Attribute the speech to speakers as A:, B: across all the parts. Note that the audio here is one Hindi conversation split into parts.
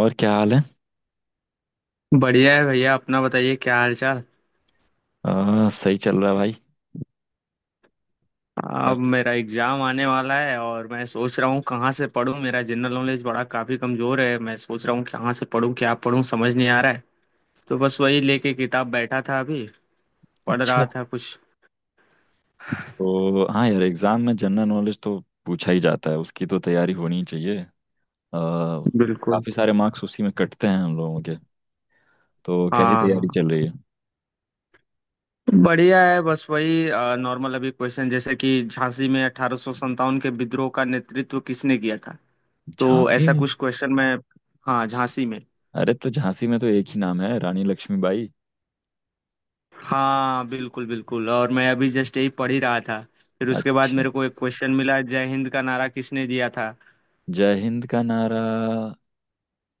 A: और क्या हाल है।
B: बढ़िया है भैया, अपना बताइए, क्या हाल चाल।
A: सही चल रहा है भाई। क्या?
B: अब मेरा एग्जाम आने वाला है और मैं सोच रहा हूँ कहाँ से पढूं। मेरा जनरल नॉलेज बड़ा काफी कमजोर है, मैं सोच रहा हूँ कहाँ से पढूं, क्या पढूं, समझ नहीं आ रहा है। तो बस वही लेके किताब बैठा था, अभी पढ़
A: अच्छा।
B: रहा था कुछ।
A: तो हाँ यार, एग्जाम में जनरल नॉलेज तो पूछा ही जाता है, उसकी तो तैयारी होनी ही चाहिए।
B: बिल्कुल।
A: काफी सारे मार्क्स उसी में कटते हैं हम लोगों के। तो कैसी
B: हाँ
A: तैयारी
B: हाँ,
A: चल रही है?
B: बढ़िया है। बस वही नॉर्मल अभी क्वेश्चन, जैसे कि झांसी में 1857 के विद्रोह का नेतृत्व किसने किया था। तो
A: झांसी
B: ऐसा
A: में?
B: कुछ क्वेश्चन मैं। हाँ, झांसी में।
A: अरे तो झांसी में तो एक ही नाम है, रानी लक्ष्मीबाई।
B: हाँ बिल्कुल बिल्कुल, और मैं अभी जस्ट यही पढ़ ही रहा था। फिर उसके बाद
A: अच्छा।
B: मेरे को एक क्वेश्चन मिला, जय हिंद का नारा किसने दिया था।
A: जय हिंद का नारा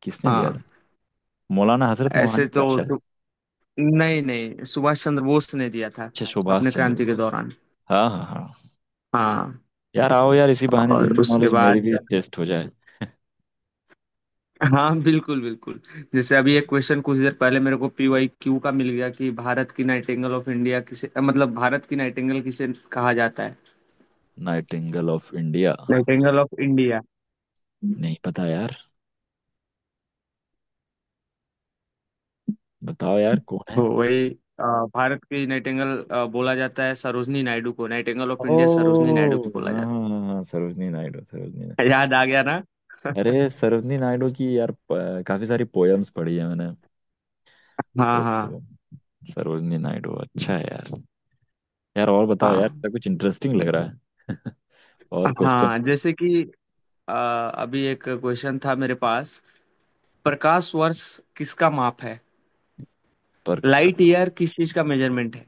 A: किसने दिया था?
B: हाँ।
A: मौलाना हजरत
B: ऐसे
A: मोहानी का
B: तो
A: शायद।
B: तो- नहीं नहीं, सुभाष चंद्र बोस ने दिया था
A: अच्छा, सुभाष
B: अपने
A: चंद्र
B: क्रांति के
A: बोस।
B: दौरान।
A: हाँ हाँ हाँ।
B: हाँ।
A: यार आओ यार, इसी बहाने
B: और
A: जनरल
B: उसके
A: नॉलेज मेरी
B: बाद
A: भी टेस्ट हो जाए।
B: हाँ बिल्कुल बिल्कुल, जैसे अभी एक क्वेश्चन कुछ देर पहले मेरे को पीवाई क्यू का मिल गया कि भारत की नाइटिंगेल ऑफ इंडिया किसे, मतलब भारत की नाइटिंगेल किसे कहा जाता है।
A: Nightingale of India?
B: Nightingale of India.
A: नहीं पता यार, बताओ यार कौन
B: तो
A: है।
B: वही, अ, भारत की नाइटिंगेल बोला जाता है सरोजनी नायडू को, nightingale of India Sarojini Naidu
A: ओ
B: को बोला
A: हाँ
B: जाता
A: हाँ हाँ हाँ, सरोजनी नायडू, सरोजनी नायडू।
B: है। याद आ गया ना।
A: अरे सरोजनी नायडू की यार काफी सारी पोयम्स पढ़ी है मैंने। तो
B: हाँ हाँ
A: तो सरोजनी नायडू अच्छा है यार। यार और बताओ यार,
B: हाँ
A: ऐसा कुछ इंटरेस्टिंग लग रहा है? और क्वेश्चन।
B: हाँ, जैसे कि अभी एक क्वेश्चन था मेरे पास, प्रकाश वर्ष किसका माप है,
A: पर
B: लाइट ईयर किस चीज का मेजरमेंट है,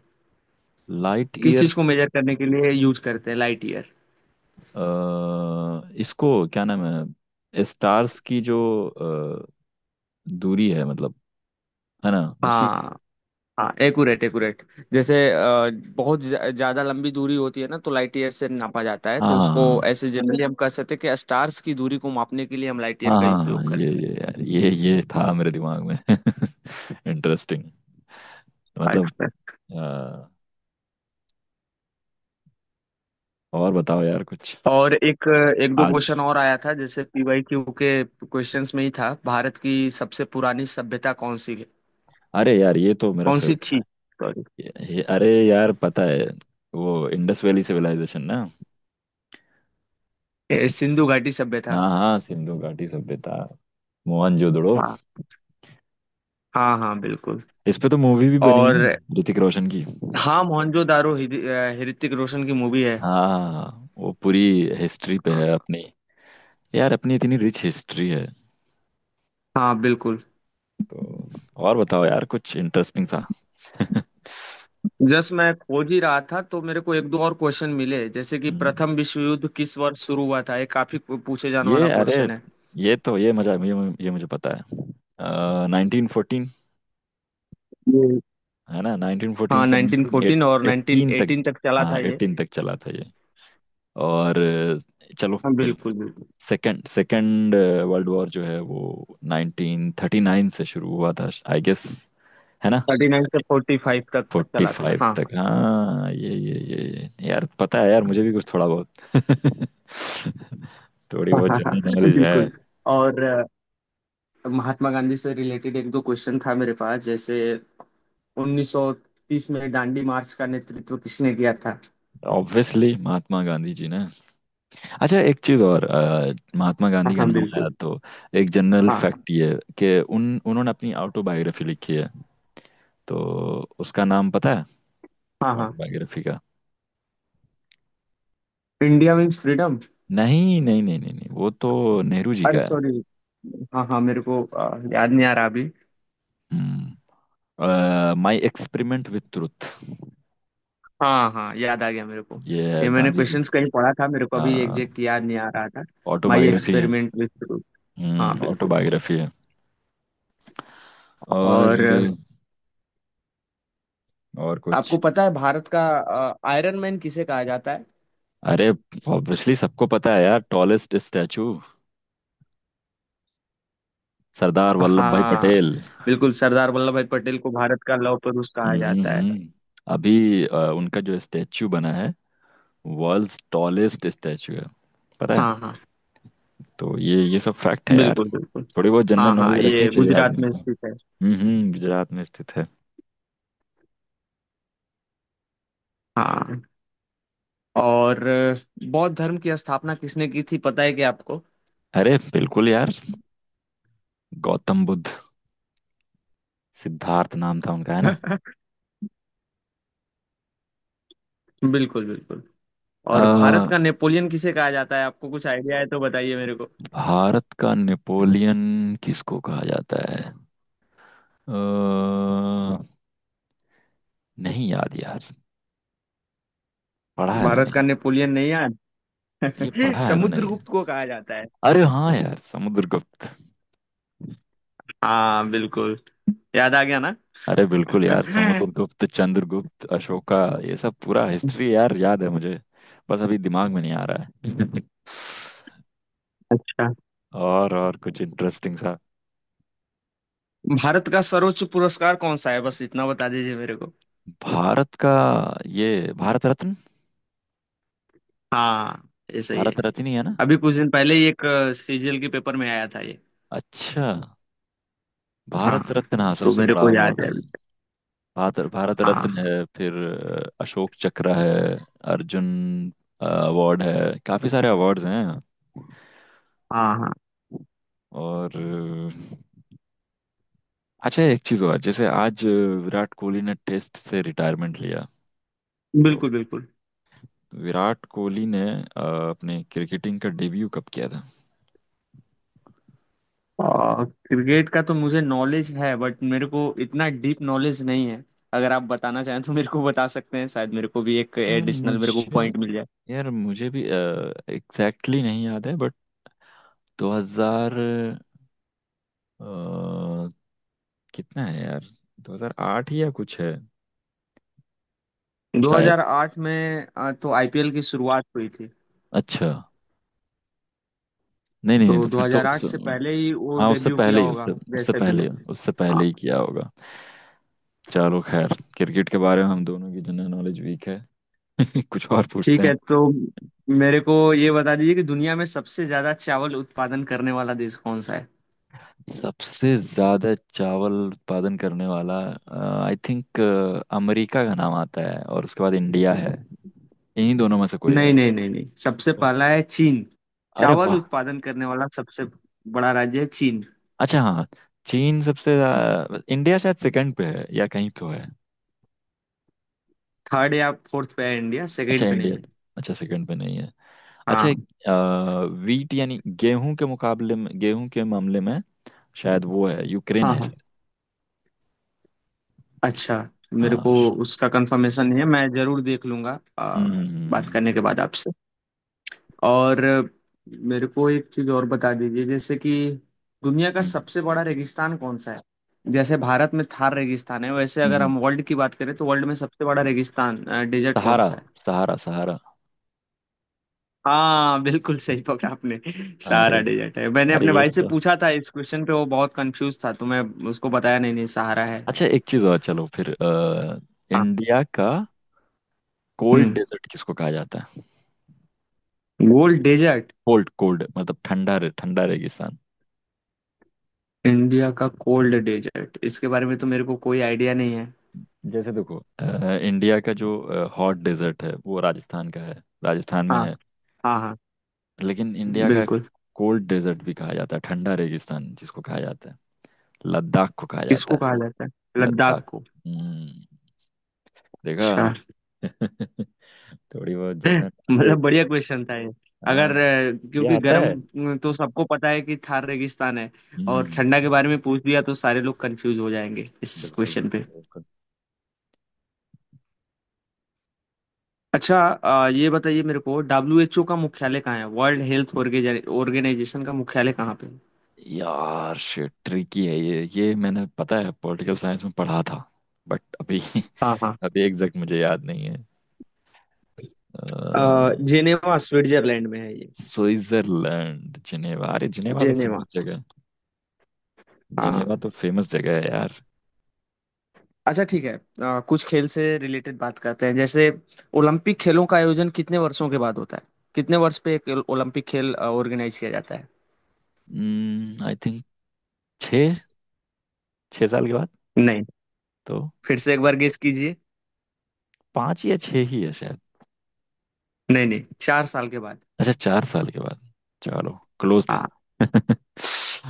A: लाइट
B: किस
A: ईयर?
B: चीज को मेजर करने के लिए यूज करते हैं लाइट ईयर।
A: इसको क्या नाम है, स्टार्स की जो अ, दूरी है मतलब, है ना? उसी।
B: हाँ हाँ। एक्यूरेट एक्यूरेट, जैसे बहुत ज्यादा लंबी दूरी होती है ना, तो लाइट ईयर से नापा जाता है, तो उसको
A: हाँ
B: ऐसे जनरली हम कह सकते हैं कि स्टार्स की दूरी को मापने के लिए हम लाइट ईयर
A: हाँ
B: का
A: हाँ हाँ,
B: उपयोग
A: ये
B: करते
A: ये यार ये था मेरे दिमाग में। इंटरेस्टिंग
B: हैं।
A: मतलब।
B: अच्छा।
A: अ, और बताओ यार कुछ।
B: और एक एक दो
A: आज?
B: क्वेश्चन और आया था, जैसे पीवाईक्यू के क्वेश्चंस में ही था, भारत की सबसे पुरानी सभ्यता कौन सी है,
A: अरे यार ये तो मेरा
B: कौन सी
A: फेवरेट।
B: थी। सॉरी।
A: अरे यार पता है, वो इंडस वैली सिविलाइजेशन ना।
B: ए, सिंधु घाटी सभ्यता।
A: हाँ हाँ, सिंधु घाटी सभ्यता, मोहनजोदड़ो।
B: हाँ हाँ हाँ बिल्कुल।
A: इस पे तो मूवी भी बनी है
B: और
A: ऋतिक रोशन की।
B: हाँ, मोहनजोदारो ऋतिक रोशन की मूवी है।
A: हाँ वो पूरी हिस्ट्री पे
B: हाँ
A: है अपनी। यार अपनी इतनी रिच हिस्ट्री है।
B: हाँ, बिल्कुल।
A: तो और बताओ यार कुछ इंटरेस्टिंग सा।
B: जस्ट मैं खोज ही रहा था तो मेरे को एक दो और क्वेश्चन मिले, जैसे कि
A: हम्म।
B: प्रथम विश्व युद्ध किस वर्ष शुरू हुआ था, ये काफी पूछे जाने
A: ये
B: वाला
A: अरे,
B: क्वेश्चन है।
A: ये तो ये मजा, ये मुझे पता है, नाइनटीन फोर्टीन।
B: ये-
A: है ना? नाइनटीन फोर्टीन
B: हाँ,
A: से
B: 1914 और
A: नाइनटीन तक।
B: 1918 तक चला
A: हाँ
B: था ये।
A: एटीन तक चला था ये। और चलो
B: हाँ
A: फिर
B: बिल्कुल बिल्कुल,
A: सेकंड सेकंड वर्ल्ड वॉर जो है वो नाइनटीन थर्टी नाइन से शुरू हुआ था, आई गेस। है ना?
B: 39 से 45 तक
A: फोर्टी
B: चला था
A: फाइव
B: हाँ।
A: तक। हाँ ये यार, पता है यार मुझे भी कुछ थोड़ा बहुत। थोड़ी
B: हाँ
A: बहुत
B: हाँ
A: जनरल
B: हाँ,
A: नॉलेज है।
B: बिल्कुल। और महात्मा गांधी से रिलेटेड एक दो क्वेश्चन था मेरे पास, जैसे 1930 में दांडी मार्च का नेतृत्व किसने किया था।
A: ऑब्वियसली महात्मा गांधी जी ने। अच्छा एक चीज और, महात्मा
B: हाँ
A: गांधी का
B: हाँ
A: नाम
B: बिल्कुल।
A: आया तो एक जनरल
B: हाँ
A: फैक्ट ये कि उन उन्होंने अपनी ऑटोबायोग्राफी लिखी है, तो उसका नाम पता है
B: हाँ हाँ,
A: ऑटोबायोग्राफी का?
B: India means freedom.
A: नहीं नहीं नहीं नहीं नहीं, वो तो नेहरू जी
B: अरे
A: का है।
B: सॉरी, हाँ हाँ, मेरे को याद नहीं आ रहा अभी।
A: Hmm. My experiment with truth,
B: हाँ हाँ, याद आ गया मेरे को,
A: ये
B: ये
A: है
B: मैंने
A: गांधी जी की।
B: क्वेश्चंस कहीं पढ़ा था, मेरे को अभी
A: हाँ
B: एग्जैक्ट याद नहीं आ रहा था। माई
A: ऑटोबायोग्राफी है।
B: Experiment with truth. हाँ बिल्कुल।
A: ऑटोबायोग्राफी है। और
B: और
A: और
B: आपको
A: कुछ।
B: पता है भारत का आयरन मैन किसे कहा जाता है।
A: अरे ऑब्वियसली सबको पता है यार, टॉलेस्ट स्टैचू, सरदार वल्लभ भाई
B: हाँ
A: पटेल।
B: बिल्कुल, सरदार वल्लभ भाई पटेल को भारत का लौह पुरुष कहा
A: हम्म
B: जाता है।
A: हम्म। अभी उनका जो स्टैचू बना है वर्ल्ड्स टॉलेस्ट स्टैचू है, पता है?
B: हाँ हाँ
A: तो ये सब फैक्ट है यार,
B: बिल्कुल बिल्कुल।
A: थोड़ी बहुत जनरल
B: हाँ हाँ,
A: नॉलेज रखनी
B: ये
A: चाहिए
B: गुजरात
A: आदमी
B: में
A: को।
B: स्थित है।
A: हम्म, गुजरात में स्थित है।
B: हाँ। और बौद्ध धर्म की स्थापना किसने की थी, पता है क्या आपको।
A: अरे बिल्कुल यार, गौतम बुद्ध, सिद्धार्थ नाम था उनका, है ना?
B: बिल्कुल बिल्कुल।
A: अ,
B: और भारत का नेपोलियन किसे कहा जाता है, आपको कुछ आइडिया है तो बताइए मेरे को।
A: भारत का नेपोलियन किसको कहा जाता है? अ, नहीं याद यार, पढ़ा है मैंने,
B: भारत का नेपोलियन नहीं यार,
A: ये पढ़ा है मैंने ये।
B: समुद्रगुप्त को कहा जाता है।
A: अरे हाँ यार, समुद्रगुप्त।
B: हाँ बिल्कुल, याद आ गया ना।
A: अरे बिल्कुल यार, समुद्रगुप्त, चंद्रगुप्त, अशोका, ये सब पूरा हिस्ट्री यार याद है मुझे, बस अभी दिमाग में नहीं आ रहा है।
B: अच्छा,
A: और कुछ इंटरेस्टिंग सा।
B: भारत का सर्वोच्च पुरस्कार कौन सा है, बस इतना बता दीजिए मेरे को।
A: भारत का? ये भारत रत्न,
B: हाँ, ये सही है।
A: भारत रत्न ही है ना?
B: अभी कुछ दिन पहले ही एक सीजीएल के पेपर में आया था ये।
A: अच्छा
B: हाँ,
A: भारत रत्न, हाँ
B: तो
A: सबसे
B: मेरे
A: बड़ा
B: को
A: अवार्ड
B: याद है
A: है।
B: अभी।
A: भारत भारत
B: हाँ
A: रत्न
B: हाँ
A: है, फिर अशोक चक्र है, अर्जुन अवार्ड है, काफी सारे अवार्ड्स हैं।
B: हाँ हाँ
A: और अच्छा एक चीज और, जैसे आज विराट कोहली ने टेस्ट से रिटायरमेंट लिया, तो
B: बिल्कुल बिल्कुल।
A: विराट कोहली ने अ, अपने क्रिकेटिंग का डेब्यू कब किया था?
B: क्रिकेट का तो मुझे नॉलेज है, बट मेरे को इतना डीप नॉलेज नहीं है। अगर आप बताना चाहें तो मेरे को बता सकते हैं, शायद मेरे को भी एक एडिशनल मेरे को
A: मुझे
B: पॉइंट मिल जाए।
A: यार मुझे भी एग्जैक्टली exactly नहीं याद है, बट 2000, अ, कितना है यार, 2008 या कुछ है शायद।
B: 2008 में तो आईपीएल की शुरुआत हुई थी,
A: अच्छा नहीं नहीं नहीं,
B: तो
A: तो फिर तो उस,
B: 2008 से पहले ही वो
A: हाँ उससे
B: डेब्यू किया
A: पहले ही,
B: होगा,
A: उससे उससे
B: जैसे भी हो।
A: पहले, उससे
B: हाँ
A: पहले ही किया होगा। चलो खैर, क्रिकेट के बारे में हम दोनों की जनरल नॉलेज वीक है। कुछ और पूछते
B: ठीक
A: हैं।
B: है। तो मेरे को ये बता दीजिए कि दुनिया में सबसे ज्यादा चावल उत्पादन करने वाला देश कौन सा है।
A: सबसे ज्यादा चावल उत्पादन करने वाला? आई थिंक अमेरिका का नाम आता है और उसके बाद इंडिया है, इन्हीं दोनों में से कोई
B: नहीं
A: है।
B: नहीं नहीं नहीं, सबसे
A: ओ,
B: पहला है चीन।
A: अरे
B: चावल
A: वाह।
B: उत्पादन करने वाला सबसे बड़ा राज्य है चीन।
A: अच्छा हाँ, चीन सबसे ज्यादा, इंडिया शायद सेकंड पे है या कहीं तो है।
B: थर्ड या फोर्थ पे है इंडिया,
A: अच्छा
B: सेकंड पे नहीं
A: इंडिया,
B: है।
A: अच्छा सेकंड पे नहीं है। अच्छा।
B: हाँ
A: वीट यानी गेहूं के मुकाबले में, गेहूं के मामले में शायद वो है, यूक्रेन
B: हाँ
A: है
B: हाँ।
A: शायद।
B: अच्छा, मेरे
A: हाँ
B: को उसका कंफर्मेशन नहीं है, मैं जरूर देख लूंगा
A: हम्म
B: बात करने
A: हम्म
B: के बाद आपसे। और मेरे को एक चीज और बता दीजिए, जैसे कि दुनिया का
A: हम्म, हम्म,
B: सबसे बड़ा रेगिस्तान कौन सा है। जैसे भारत में थार रेगिस्तान है, वैसे
A: हम्म,
B: अगर
A: हम्म।
B: हम वर्ल्ड की बात करें तो वर्ल्ड में सबसे बड़ा रेगिस्तान डेजर्ट कौन
A: सहारा,
B: सा है।
A: सहारा सहारा।
B: हाँ बिल्कुल, सही पकड़ा आपने। सहारा
A: अरे
B: डेजर्ट है। मैंने
A: अरे
B: अपने
A: ये
B: भाई से
A: तो।
B: पूछा था इस क्वेश्चन पे, वो बहुत कंफ्यूज था, तो मैं उसको बताया, नहीं नहीं, सहारा है।
A: अच्छा एक चीज और चलो फिर, इंडिया का कोल्ड
B: हम्म,
A: डेजर्ट किसको कहा जाता है?
B: Gold desert.
A: कोल्ड कोल्ड मतलब ठंडा, रे ठंडा रेगिस्तान।
B: इंडिया का कोल्ड डेजर्ट, इसके बारे में तो मेरे को कोई आइडिया नहीं है।
A: जैसे देखो इंडिया का जो हॉट डेजर्ट है वो राजस्थान का है, राजस्थान में
B: हाँ
A: है।
B: हाँ हाँ।
A: लेकिन इंडिया का
B: बिल्कुल।
A: कोल्ड डेजर्ट भी कहा जाता है, ठंडा रेगिस्तान जिसको कहा जाता है, लद्दाख को कहा जाता
B: किसको कहा
A: है,
B: जाता है, लद्दाख
A: लद्दाख।
B: को।
A: हम्म देखा।
B: अच्छा।
A: थोड़ी बहुत जन्नत वाले।
B: मतलब बढ़िया क्वेश्चन था ये।
A: हाँ
B: अगर
A: ये
B: क्योंकि
A: आता है।
B: गर्म तो सबको पता है कि थार रेगिस्तान है, और
A: हम्म।
B: ठंडा के बारे में पूछ दिया तो सारे लोग कंफ्यूज हो जाएंगे इस
A: बिल्कुल
B: क्वेश्चन पे।
A: बिल्कुल बिल्कुल।
B: अच्छा, ये बताइए मेरे को, डब्ल्यू एच ओ का मुख्यालय कहाँ है, वर्ल्ड हेल्थ ऑर्गेनाइजेशन का मुख्यालय कहाँ पे है?
A: यार शिट ट्रिकी है ये मैंने पता है पॉलिटिकल साइंस में पढ़ा था बट अभी
B: हाँ हाँ।
A: अभी एग्जैक्ट मुझे याद नहीं है। अ,
B: जेनेवा, स्विट्जरलैंड में है।
A: स्विट्जरलैंड, जिनेवा, अरे जिनेवा तो
B: जिनेवा।
A: फेमस जगह है, जिनेवा
B: हाँ।
A: तो फेमस जगह है यार।
B: अच्छा ठीक है, कुछ खेल से रिलेटेड बात करते हैं। जैसे ओलंपिक खेलों का आयोजन कितने वर्षों के बाद होता है, कितने वर्ष पे एक ओलंपिक खेल ऑर्गेनाइज किया जाता है।
A: आई थिंक छः, छः साल के बाद
B: नहीं,
A: तो,
B: फिर से एक बार गेस कीजिए।
A: पाँच या छः ही है शायद।
B: नहीं नहीं, 4 साल के बाद।
A: अच्छा चार साल के बाद, चलो क्लोज था।
B: हाँ।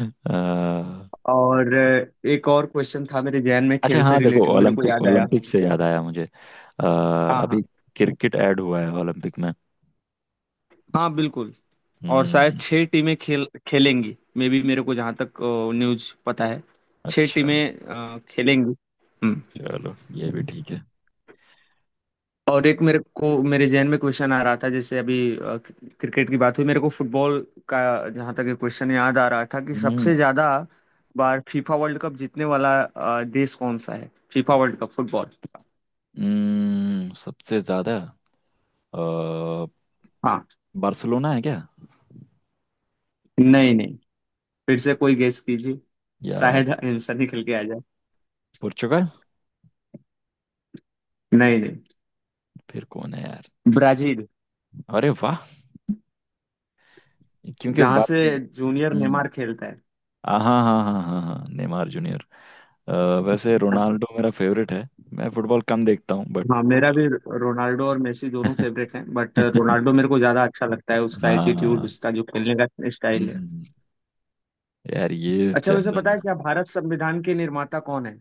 A: अ,
B: और एक और क्वेश्चन था मेरे जहन में
A: अच्छा
B: खेल से
A: हाँ देखो,
B: रिलेटेड, मेरे को
A: ओलंपिक,
B: याद आया।
A: ओलंपिक से याद आया मुझे। अ,
B: हाँ
A: अभी
B: हाँ
A: क्रिकेट ऐड हुआ है ओलंपिक में।
B: हाँ बिल्कुल। और शायद
A: हम्म।
B: 6 टीमें खेल खेलेंगी, मे बी, मेरे को जहाँ तक न्यूज पता है। छह
A: अच्छा
B: टीमें खेलेंगी। हम्म।
A: चलो ये भी ठीक है।
B: और एक, मेरे जहन में क्वेश्चन आ रहा था, जैसे अभी क्रिकेट की बात हुई मेरे को फुटबॉल का जहां तक क्वेश्चन याद आ रहा था कि
A: हम्म
B: सबसे ज्यादा बार फीफा वर्ल्ड कप जीतने वाला देश कौन सा है, फीफा वर्ल्ड कप फुटबॉल।
A: सबसे ज्यादा अ,
B: हाँ।
A: बार्सिलोना है क्या,
B: नहीं नहीं, फिर से कोई गेस कीजिए,
A: या
B: शायद आंसर निकल के आ जाए।
A: पुर्तगाल?
B: नहीं नहीं,
A: फिर कौन है यार?
B: ब्राजील,
A: अरे वाह, क्योंकि
B: जहां
A: बार।
B: से जूनियर
A: हम्म।
B: नेमार खेलता है।
A: हाँ हाँ हाँ हाँ हाँ, नेमार जूनियर। अ, वैसे रोनाल्डो मेरा फेवरेट है, मैं फुटबॉल कम देखता हूँ बट।
B: हाँ, मेरा भी। रोनाल्डो और मेसी दोनों फेवरेट हैं, बट रोनाल्डो मेरे को ज्यादा अच्छा लगता है, उसका एटीट्यूड,
A: हाँ।
B: उसका जो खेलने का स्टाइल है।
A: हम्म, यार ये
B: अच्छा, वैसे पता
A: जनरल।
B: है क्या भारत संविधान के निर्माता कौन है।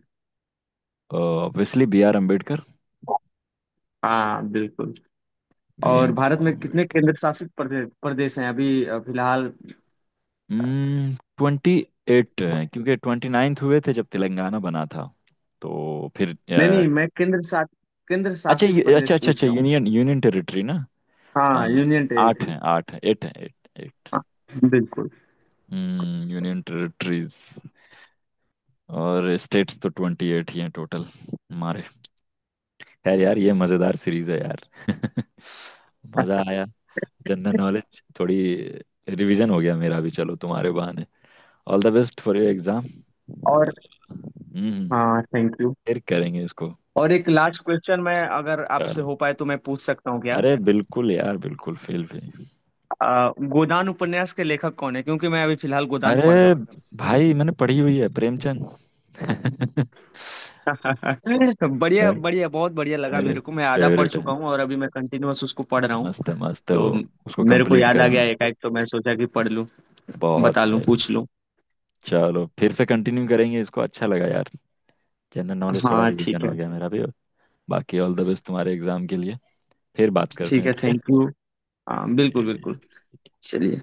A: ऑब्वियसली बी आर अम्बेडकर,
B: हाँ बिल्कुल।
A: भीम
B: और भारत में कितने
A: अम्बेडकर।
B: केंद्र शासित प्रदेश प्रदेश हैं अभी फिलहाल।
A: ट्वेंटी एट है, क्योंकि ट्वेंटी नाइन्थ हुए थे जब तेलंगाना बना था, तो फिर
B: नहीं नहीं, मैं केंद्र शासित केंद्र
A: अच्छा
B: शासित
A: ये, अच्छा
B: प्रदेश
A: अच्छा
B: पूछ
A: अच्छा,
B: रहा हूँ।
A: यूनियन, यूनियन टेरिटरी ना?
B: हाँ,
A: हाँ,
B: यूनियन
A: आठ
B: टेरिटरी।
A: है, आठ है, एट है, एट एट।
B: हाँ बिल्कुल।
A: Union territories. और स्टेट्स तो ट्वेंटी एट ही हैं टोटल हमारे। खैर यार ये मज़ेदार सीरीज है यार। मज़ा आया, जनरल नॉलेज थोड़ी रिवीजन हो गया मेरा भी, चलो तुम्हारे बहाने। All the best for your exam.
B: और
A: हम्म,
B: हाँ, थैंक यू।
A: फिर करेंगे इसको।
B: और एक लास्ट क्वेश्चन, मैं अगर आपसे
A: चलो
B: हो पाए तो मैं पूछ सकता हूँ क्या।
A: अरे बिल्कुल यार, बिल्कुल, फेल फेल।
B: गोदान उपन्यास के लेखक कौन है, क्योंकि मैं अभी फिलहाल गोदान पढ़ रहा
A: अरे
B: हूँ।
A: भाई, मैंने पढ़ी हुई है, प्रेमचंद। मैं,
B: बढ़िया बढ़िया, बहुत बढ़िया लगा
A: मेरे
B: मेरे को। मैं आधा पढ़
A: फेवरेट है,
B: चुका हूँ और अभी मैं कंटिन्यूअस उसको पढ़ रहा हूँ।
A: मस्त है, मस्त है
B: तो
A: वो, उसको
B: मेरे को
A: कंप्लीट
B: याद आ
A: करना।
B: गया एकाएक, तो मैं सोचा कि पढ़ लूँ,
A: बहुत
B: बता लूँ,
A: सही।
B: पूछ लूँ।
A: चलो फिर से कंटिन्यू करेंगे इसको, अच्छा लगा यार, जनरल नॉलेज थोड़ा
B: हाँ
A: रिवीजन
B: ठीक है।
A: हो गया मेरा भी। बाकी ऑल द बेस्ट तुम्हारे एग्जाम के लिए, फिर बात करते
B: ठीक
A: हैं,
B: है,
A: ठीक है?
B: Thank you. हाँ बिल्कुल
A: ठीक है।
B: बिल्कुल। चलिए।